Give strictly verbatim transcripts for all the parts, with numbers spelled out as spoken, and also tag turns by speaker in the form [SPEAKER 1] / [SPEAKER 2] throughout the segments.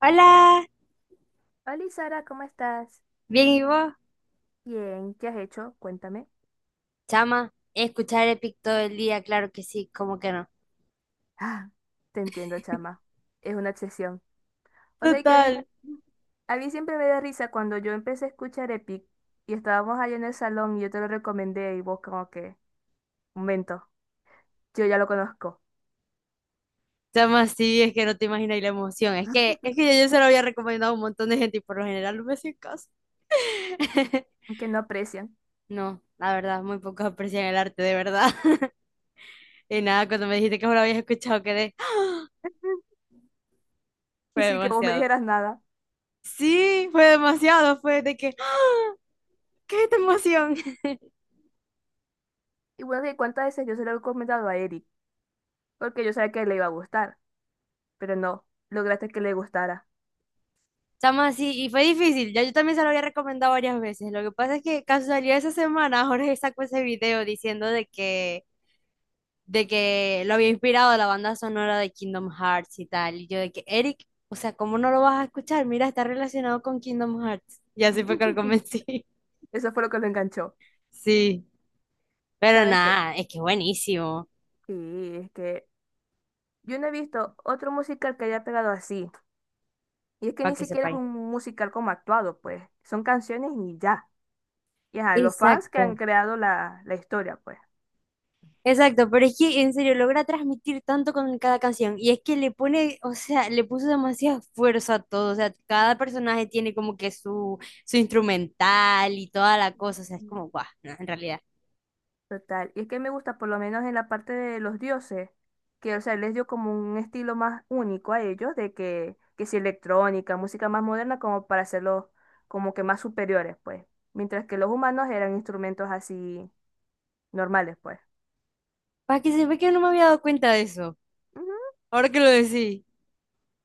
[SPEAKER 1] Hola,
[SPEAKER 2] Hola Sara, ¿cómo estás?
[SPEAKER 1] bien y vos,
[SPEAKER 2] Bien, ¿qué has hecho? Cuéntame.
[SPEAKER 1] chama, escuchar Epic todo el día, claro que sí, cómo que no.
[SPEAKER 2] Ah, te entiendo, chama. Es una obsesión. O sea que a mí,
[SPEAKER 1] Total.
[SPEAKER 2] a mí siempre me da risa cuando yo empecé a escuchar Epic y estábamos allá en el salón y yo te lo recomendé y vos como que, momento, yo ya lo conozco.
[SPEAKER 1] Chama, sí, es que no te imaginas la emoción. Es que, es que yo, yo se lo había recomendado a un montón de gente y por lo general no me hacían caso.
[SPEAKER 2] Que no aprecian.
[SPEAKER 1] No, la verdad, muy pocos aprecian el arte, de verdad. Y nada, cuando me dijiste que no lo habías escuchado, quedé.
[SPEAKER 2] Y
[SPEAKER 1] Fue
[SPEAKER 2] sí que vos me
[SPEAKER 1] demasiado.
[SPEAKER 2] dijeras nada.
[SPEAKER 1] Sí, fue demasiado. Fue de que, ¿qué es esta emoción?
[SPEAKER 2] Y bueno, de cuántas veces yo se lo he comentado a Eric, porque yo sabía que le iba a gustar, pero no, lograste que le gustara.
[SPEAKER 1] Chama, sí, y fue difícil. Ya yo también se lo había recomendado varias veces. Lo que pasa es que casualidad esa semana Jorge sacó ese video diciendo de que, de que lo había inspirado la banda sonora de Kingdom Hearts y tal. Y yo de que, Eric, o sea, ¿cómo no lo vas a escuchar? Mira, está relacionado con Kingdom Hearts. Y así fue que lo convencí.
[SPEAKER 2] Eso fue lo que lo enganchó.
[SPEAKER 1] Sí, pero
[SPEAKER 2] ¿Sabes?
[SPEAKER 1] nada, es que es buenísimo,
[SPEAKER 2] Sí, es que yo no he visto otro musical que haya pegado así. Y es que
[SPEAKER 1] para
[SPEAKER 2] ni
[SPEAKER 1] que
[SPEAKER 2] siquiera es
[SPEAKER 1] sepáis.
[SPEAKER 2] un musical como actuado, pues. Son canciones y ya. Y ajá, los fans que han
[SPEAKER 1] Exacto.
[SPEAKER 2] creado la, la historia, pues.
[SPEAKER 1] Exacto, pero es que en serio logra transmitir tanto con cada canción y es que le pone, o sea, le puso demasiada fuerza a todo, o sea, cada personaje tiene como que su, su instrumental y toda la cosa, o sea, es como, guau, no, en realidad.
[SPEAKER 2] Total. Y es que me gusta, por lo menos en la parte de los dioses, que, o sea, les dio como un estilo más único a ellos, de que, que si electrónica, música más moderna, como para hacerlos como que más superiores, pues. Mientras que los humanos eran instrumentos así normales, pues.
[SPEAKER 1] Para que se ve que no me había dado cuenta de eso, ahora que lo decís.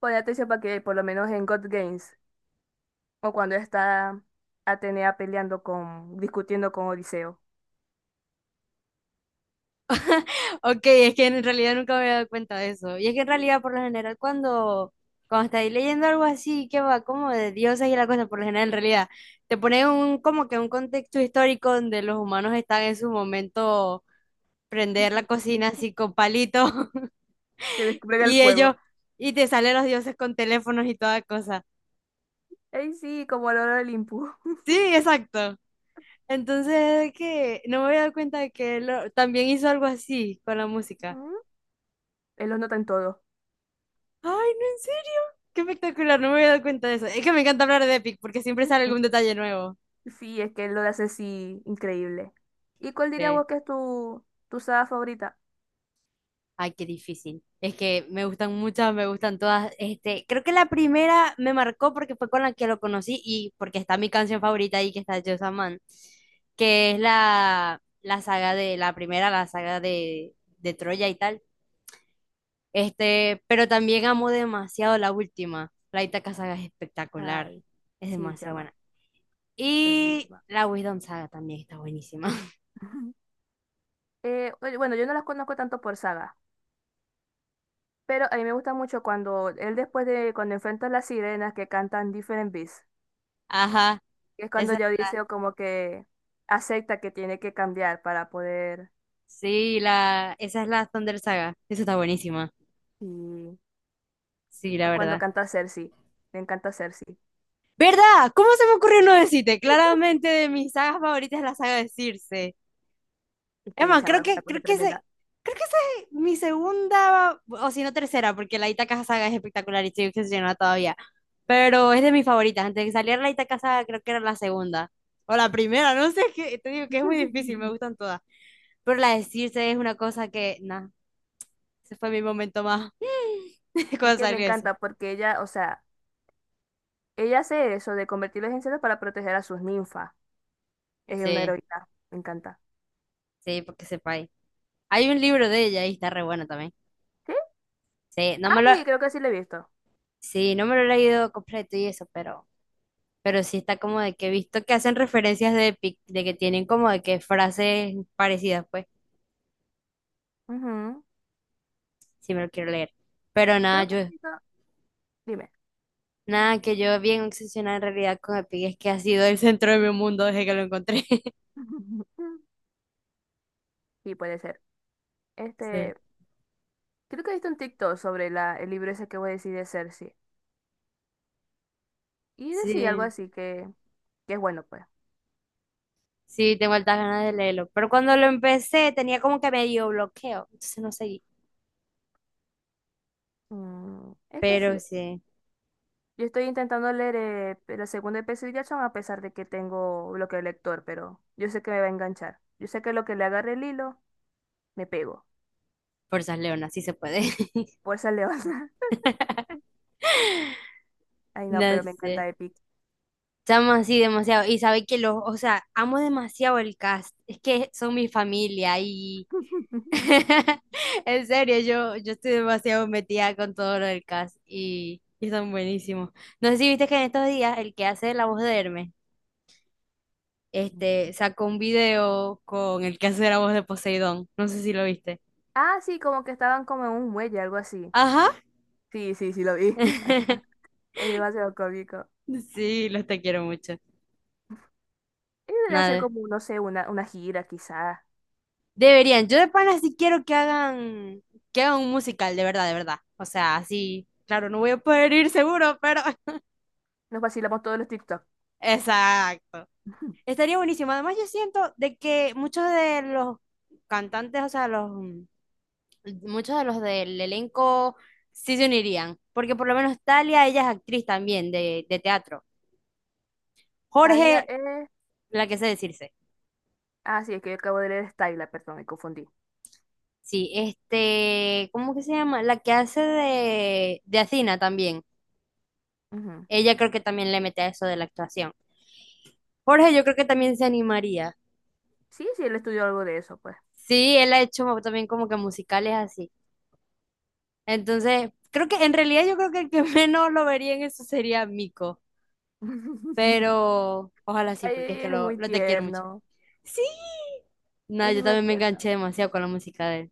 [SPEAKER 2] Pon atención para que por lo menos en God Games o cuando está Atenea peleando con, discutiendo con Odiseo,
[SPEAKER 1] Ok, es que en realidad nunca me había dado cuenta de eso. Y es que en realidad, por lo general, cuando, cuando estáis leyendo algo así, que va como de dioses y la cosa, por lo general, en realidad, te pone un, como que un contexto histórico donde los humanos están en su momento prender la cocina así con palito
[SPEAKER 2] que despliega el
[SPEAKER 1] y ellos,
[SPEAKER 2] fuego.
[SPEAKER 1] y te salen los dioses con teléfonos y toda cosa.
[SPEAKER 2] Ey, sí, como el oro del Olimpo.
[SPEAKER 1] Sí, exacto. Entonces, que no me había dado cuenta de que él lo- también hizo algo así con la música.
[SPEAKER 2] ¿Mm? Él los nota en todo.
[SPEAKER 1] Ay, no, en serio, qué espectacular, no me había dado cuenta de eso. Es que me encanta hablar de Epic porque siempre sale algún detalle nuevo.
[SPEAKER 2] Sí, es que él lo hace así increíble. ¿Y cuál dirías
[SPEAKER 1] Sí.
[SPEAKER 2] vos que es tu, tu saga favorita?
[SPEAKER 1] Ay, qué difícil. Es que me gustan muchas, me gustan todas. Este, creo que la primera me marcó porque fue con la que lo conocí y porque está mi canción favorita ahí, que está Just a Man, que es la, la saga de, la primera, la saga de, de Troya y tal. Este, pero también amo demasiado la última. La Ítaca saga es espectacular.
[SPEAKER 2] Ay,
[SPEAKER 1] Es
[SPEAKER 2] sí,
[SPEAKER 1] demasiado
[SPEAKER 2] chama,
[SPEAKER 1] buena.
[SPEAKER 2] es
[SPEAKER 1] Y
[SPEAKER 2] buenísima.
[SPEAKER 1] la Wisdom saga también está buenísima.
[SPEAKER 2] Eh, oye, bueno, yo no las conozco tanto por saga, pero a mí me gusta mucho cuando él después de cuando enfrenta a las sirenas que cantan Different Beasts.
[SPEAKER 1] Ajá.
[SPEAKER 2] Es cuando
[SPEAKER 1] Esa,
[SPEAKER 2] ya Odiseo como que acepta que tiene que cambiar para poder.
[SPEAKER 1] sí, la, esa es la Thunder saga. Esa está buenísima.
[SPEAKER 2] Y
[SPEAKER 1] Sí, la
[SPEAKER 2] o cuando
[SPEAKER 1] verdad.
[SPEAKER 2] canta Cersei. Me encanta Cersei.
[SPEAKER 1] ¿Verdad? ¿Cómo se me ocurrió no decirte? Claramente de mis sagas favoritas es la saga de Circe.
[SPEAKER 2] Es
[SPEAKER 1] Es
[SPEAKER 2] que
[SPEAKER 1] más, creo
[SPEAKER 2] chaval, es una
[SPEAKER 1] que,
[SPEAKER 2] cosa
[SPEAKER 1] creo que
[SPEAKER 2] tremenda.
[SPEAKER 1] ese, creo que esa es mi segunda, o si no tercera, porque la Itaca saga es espectacular y estoy obsesionada todavía. Pero es de mis favoritas. Antes de que saliera la Itaca saga, creo que era la segunda. O la primera, no sé, es que te digo que es muy difícil, me gustan todas. Pero la de Circe es una cosa que, nada, ese fue mi momento más
[SPEAKER 2] Y
[SPEAKER 1] cuando
[SPEAKER 2] que me
[SPEAKER 1] salió eso.
[SPEAKER 2] encanta porque ella, o sea, ella hace eso de convertirlos en cerdos para proteger a sus ninfas. Es una
[SPEAKER 1] Sí,
[SPEAKER 2] heroína. Me encanta.
[SPEAKER 1] sí, porque sepa. Hay un libro de ella y está re bueno también.
[SPEAKER 2] ¿Sí?
[SPEAKER 1] Sí, no
[SPEAKER 2] Ah,
[SPEAKER 1] me lo,
[SPEAKER 2] sí, creo que sí lo he visto.
[SPEAKER 1] sí, no me lo he leído completo y eso, pero, pero sí está como de que he visto que hacen referencias de Epic, de que tienen como de que frases parecidas, pues,
[SPEAKER 2] Ujú.
[SPEAKER 1] si me lo quiero leer. Pero nada,
[SPEAKER 2] Creo que
[SPEAKER 1] yo,
[SPEAKER 2] he visto. Dime.
[SPEAKER 1] nada, que yo bien obsesionada en realidad con Epic es que ha sido el centro de mi mundo desde que lo encontré.
[SPEAKER 2] Sí, puede ser.
[SPEAKER 1] Sí.
[SPEAKER 2] Este, creo que he visto un TikTok sobre la, el libro ese que voy a decir de Cersei. Y decía algo
[SPEAKER 1] Sí,
[SPEAKER 2] así que que es bueno, pues.
[SPEAKER 1] sí, tengo altas ganas de leerlo. Pero cuando lo empecé tenía como que medio bloqueo, entonces no seguí.
[SPEAKER 2] Mm, es que
[SPEAKER 1] Pero
[SPEAKER 2] sí.
[SPEAKER 1] sí,
[SPEAKER 2] Yo estoy intentando leer eh, la segunda de Percy Jackson a pesar de que tengo bloqueo de lector, pero yo sé que me va a enganchar. Yo sé que lo que le agarre el hilo, me pego.
[SPEAKER 1] fuerzas Leona, sí se puede.
[SPEAKER 2] Fuerza León. Ay, no,
[SPEAKER 1] No
[SPEAKER 2] pero me
[SPEAKER 1] sé.
[SPEAKER 2] encanta Epic.
[SPEAKER 1] Estamos así demasiado. Y sabe que los, o sea, amo demasiado el cast. Es que son mi familia y en serio, yo, yo estoy demasiado metida con todo lo del cast y, y son buenísimos. No sé si viste que en estos días el que hace la voz de Hermes, este, sacó un video con el que hace la voz de Poseidón. No sé si lo viste.
[SPEAKER 2] Ah, sí, como que estaban como en un muelle, algo así.
[SPEAKER 1] Ajá.
[SPEAKER 2] Sí, sí, sí, lo vi. Es demasiado cómico.
[SPEAKER 1] Sí, los te quiero mucho.
[SPEAKER 2] Y debe hacer
[SPEAKER 1] Nada.
[SPEAKER 2] como, no sé, una, una gira, quizá.
[SPEAKER 1] Deberían, yo de pana sí quiero que hagan, que hagan un musical, de verdad, de verdad. O sea, así, claro, no voy a poder ir seguro, pero
[SPEAKER 2] Nos vacilamos todos los TikTok.
[SPEAKER 1] exacto. Estaría buenísimo. Además, yo siento de que muchos de los cantantes, o sea, los mm, muchos de los del elenco sí se unirían, porque por lo menos Talia, ella es actriz también de, de teatro.
[SPEAKER 2] Talia
[SPEAKER 1] Jorge,
[SPEAKER 2] es...
[SPEAKER 1] la que sé decirse.
[SPEAKER 2] Ah, sí, es que yo acabo de leer Styla, perdón, me confundí.
[SPEAKER 1] Sí, este, ¿cómo que se llama? La que hace de, de Athena también.
[SPEAKER 2] Ujú.
[SPEAKER 1] Ella creo que también le mete a eso de la actuación. Jorge, yo creo que también se animaría.
[SPEAKER 2] Sí, sí, él estudió algo de eso, pues.
[SPEAKER 1] Sí, él ha hecho mo- también como que musicales así. Entonces, creo que en realidad yo creo que el que menos lo vería en eso sería Mico. Pero ojalá sí,
[SPEAKER 2] Ay,
[SPEAKER 1] porque es que
[SPEAKER 2] él es
[SPEAKER 1] lo,
[SPEAKER 2] muy
[SPEAKER 1] lo te quiero mucho.
[SPEAKER 2] tierno.
[SPEAKER 1] Sí. No,
[SPEAKER 2] Es
[SPEAKER 1] yo
[SPEAKER 2] súper
[SPEAKER 1] también me
[SPEAKER 2] tierno.
[SPEAKER 1] enganché demasiado con la música de él.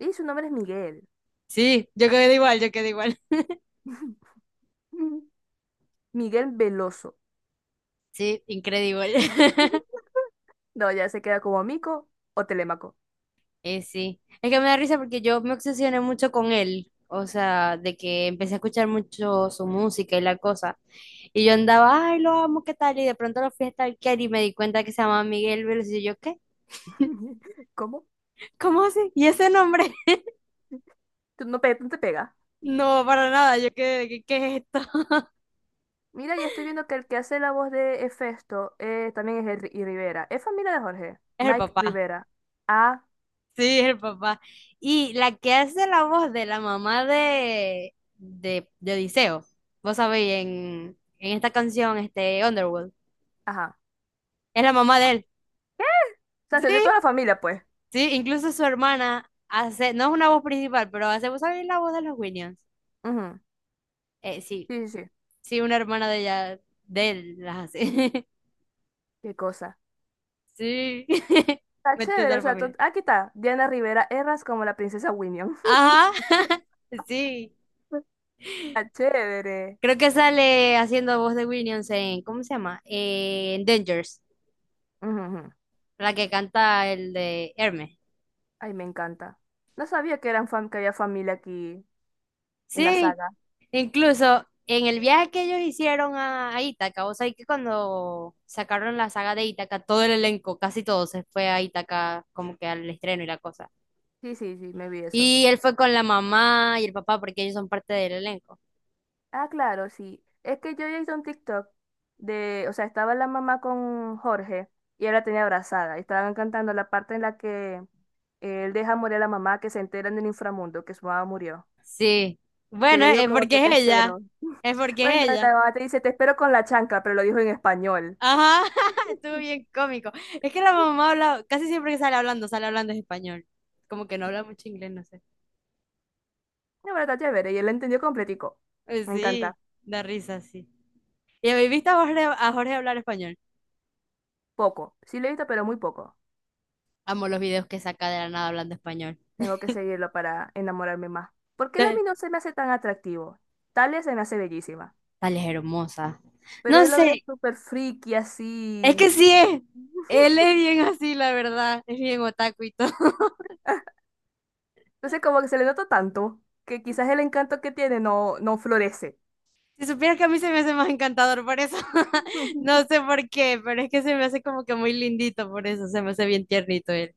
[SPEAKER 2] Y su nombre es Miguel.
[SPEAKER 1] Sí, yo quedé igual, yo quedé igual.
[SPEAKER 2] Miguel Veloso.
[SPEAKER 1] Sí, increíble.
[SPEAKER 2] No, ya se queda como Mico o Telémaco.
[SPEAKER 1] Eh, sí, es que me da risa porque yo me obsesioné mucho con él, o sea, de que empecé a escuchar mucho su música y la cosa, y yo andaba, ay, lo amo, ¿qué tal? Y de pronto lo fui a stalkear y me di cuenta que se llamaba Miguel Veloz y yo, ¿qué?
[SPEAKER 2] ¿Cómo?
[SPEAKER 1] ¿Cómo así? ¿Y ese nombre?
[SPEAKER 2] Tú no, pe- no te pega.
[SPEAKER 1] No, para nada, yo, ¿qué, qué, qué es esto?
[SPEAKER 2] Mira, ya estoy viendo que el que hace la voz de Hefesto eh, también es el Ri- y Rivera. Es familia de Jorge.
[SPEAKER 1] Es el
[SPEAKER 2] Mike
[SPEAKER 1] papá,
[SPEAKER 2] Rivera. Ah,
[SPEAKER 1] sí, es el papá. Y la que hace la voz de la mamá de, de, de Odiseo, vos sabéis, en, en esta canción, este, Underworld,
[SPEAKER 2] ajá.
[SPEAKER 1] es la mamá de él.
[SPEAKER 2] O sea, se unió toda
[SPEAKER 1] Sí.
[SPEAKER 2] la familia, pues.
[SPEAKER 1] Sí, incluso su hermana hace, no es una voz principal, pero hace, ¿vos sabés la voz de los Williams?
[SPEAKER 2] Ujú.
[SPEAKER 1] Eh, sí,
[SPEAKER 2] Sí, sí, sí.
[SPEAKER 1] sí, una hermana de ella, de él, las hace.
[SPEAKER 2] Qué cosa.
[SPEAKER 1] Sí,
[SPEAKER 2] Está
[SPEAKER 1] metió
[SPEAKER 2] chévere.
[SPEAKER 1] toda
[SPEAKER 2] O
[SPEAKER 1] la
[SPEAKER 2] sea, to-
[SPEAKER 1] familia.
[SPEAKER 2] ah, aquí está. Diana Rivera Erras como la princesa Winnie.
[SPEAKER 1] Ajá, sí.
[SPEAKER 2] Está chévere.
[SPEAKER 1] Creo que sale haciendo voz de Williams en, ¿cómo se llama? Eh, en Dangers,
[SPEAKER 2] Ujú, ujú.
[SPEAKER 1] la que canta el de Hermes.
[SPEAKER 2] Ay, me encanta. No sabía que eran fam que había familia aquí en la
[SPEAKER 1] Sí,
[SPEAKER 2] saga.
[SPEAKER 1] incluso en el viaje que ellos hicieron a, a Ítaca, o sea, que cuando sacaron la saga de Ítaca, todo el elenco, casi todo se fue a Ítaca como que al estreno y la cosa.
[SPEAKER 2] Sí, sí, sí, me vi eso.
[SPEAKER 1] Y él fue con la mamá y el papá porque ellos son parte del elenco.
[SPEAKER 2] Ah, claro, sí. Es que yo ya hice un TikTok de, o sea, estaba la mamá con Jorge y él la tenía abrazada. Y estaban cantando la parte en la que él deja morir a la mamá que se entera en el inframundo que su mamá murió.
[SPEAKER 1] Sí.
[SPEAKER 2] Que
[SPEAKER 1] Bueno,
[SPEAKER 2] le dijo
[SPEAKER 1] es
[SPEAKER 2] como que
[SPEAKER 1] porque
[SPEAKER 2] te
[SPEAKER 1] es ella.
[SPEAKER 2] espero.
[SPEAKER 1] Es porque
[SPEAKER 2] Bueno,
[SPEAKER 1] es ella.
[SPEAKER 2] la mamá te dice te espero con la chancla, pero lo dijo en español.
[SPEAKER 1] Ajá, estuvo bien cómico. Es que la mamá habla, casi siempre que sale hablando, sale hablando en español. Como que no habla mucho inglés, no sé.
[SPEAKER 2] La verdad, chévere. Y él la entendió completico.
[SPEAKER 1] Eh,
[SPEAKER 2] Me
[SPEAKER 1] Sí,
[SPEAKER 2] encanta.
[SPEAKER 1] da risa, sí. ¿Y habéis visto a Jorge, a Jorge hablar español?
[SPEAKER 2] Poco. Sí lo he visto, pero muy poco.
[SPEAKER 1] Amo los videos que saca de la nada hablando español.
[SPEAKER 2] Tengo que seguirlo para enamorarme más. Porque él a
[SPEAKER 1] Eh,
[SPEAKER 2] mí no se me hace tan atractivo. Talia se me hace bellísima.
[SPEAKER 1] Tal es hermosa.
[SPEAKER 2] Pero
[SPEAKER 1] No
[SPEAKER 2] él lo veo
[SPEAKER 1] sé,
[SPEAKER 2] súper friki
[SPEAKER 1] es que
[SPEAKER 2] así.
[SPEAKER 1] sí es. Él es bien así, la verdad. Es bien otaku y todo.
[SPEAKER 2] Entonces como que se le nota tanto que quizás el encanto que tiene no, no florece.
[SPEAKER 1] Si supieras que a mí se me hace más encantador por eso. No sé por qué, pero es que se me hace como que muy lindito por eso. Se me hace bien tiernito él.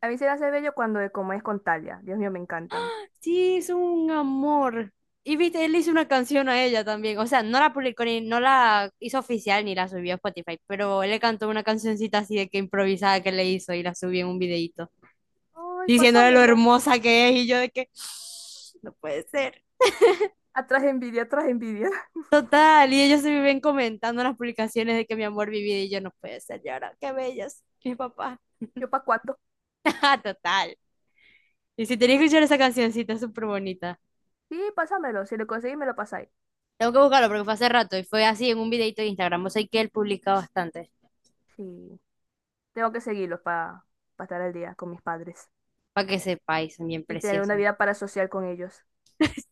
[SPEAKER 2] A mí se me hace bello cuando es como es con Talia. Dios mío, me encantan.
[SPEAKER 1] Sí, es un amor. Y viste, él hizo una canción a ella también. O sea, no la publicó ni, no la hizo oficial ni la subió a Spotify, pero él le cantó una cancioncita así de que improvisada que le hizo y la subió en un videíto.
[SPEAKER 2] Ay,
[SPEAKER 1] Diciéndole lo
[SPEAKER 2] pásamelo.
[SPEAKER 1] hermosa que es y yo de que no puede ser.
[SPEAKER 2] Atrás envidia, atrás envidia.
[SPEAKER 1] Total, y ellos se viven comentando en las publicaciones de que mi amor vivía y yo no puede ser, y ahora qué bellos, mi papá.
[SPEAKER 2] ¿Yo pa' cuánto?
[SPEAKER 1] Total. Y si tenés
[SPEAKER 2] Mm,
[SPEAKER 1] que escuchar esa cancioncita, es súper bonita.
[SPEAKER 2] sí, pásamelo. Si lo conseguís, me lo pasáis.
[SPEAKER 1] Tengo que buscarlo porque fue hace rato y fue así en un videito de Instagram. O sea, que él publica bastante.
[SPEAKER 2] Sí. Tengo que seguirlo para estar al día con mis padres
[SPEAKER 1] Para que sepáis, son bien
[SPEAKER 2] y tener una
[SPEAKER 1] preciosos.
[SPEAKER 2] vida parasocial con ellos.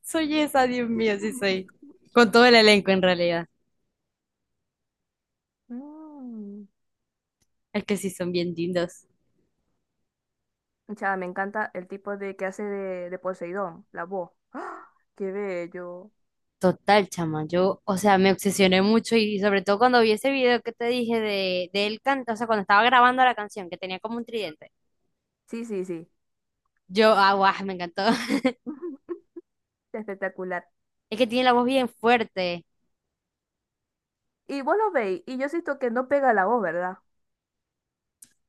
[SPEAKER 1] Soy esa, Dios mío, sí soy. Con todo el elenco en realidad.
[SPEAKER 2] Mm.
[SPEAKER 1] Es que sí son bien lindos.
[SPEAKER 2] Chava, me encanta el tipo de que hace de, de Poseidón, la voz. ¡Ah! ¡Qué bello!
[SPEAKER 1] Total, chama, yo, o sea, me obsesioné mucho y sobre todo cuando vi ese video que te dije de, de él canta, o sea, cuando estaba grabando la canción, que tenía como un tridente,
[SPEAKER 2] Sí, sí, sí,
[SPEAKER 1] yo, ah, guau, me encantó.
[SPEAKER 2] espectacular.
[SPEAKER 1] Es que tiene la voz bien fuerte.
[SPEAKER 2] Y vos lo veis, y yo siento que no pega la voz, ¿verdad?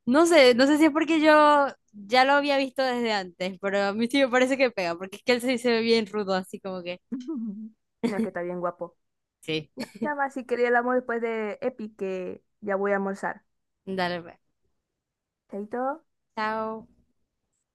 [SPEAKER 1] No sé, no sé si es porque yo ya lo había visto desde antes, pero a mí sí me parece que pega, porque es que él sí se ve bien rudo, así como que,
[SPEAKER 2] No, es que está bien guapo.
[SPEAKER 1] sí.
[SPEAKER 2] No, chama, si quería el amor después de Epi, que ya voy a almorzar.
[SPEAKER 1] Dale, pues.
[SPEAKER 2] Chaito.
[SPEAKER 1] Chao.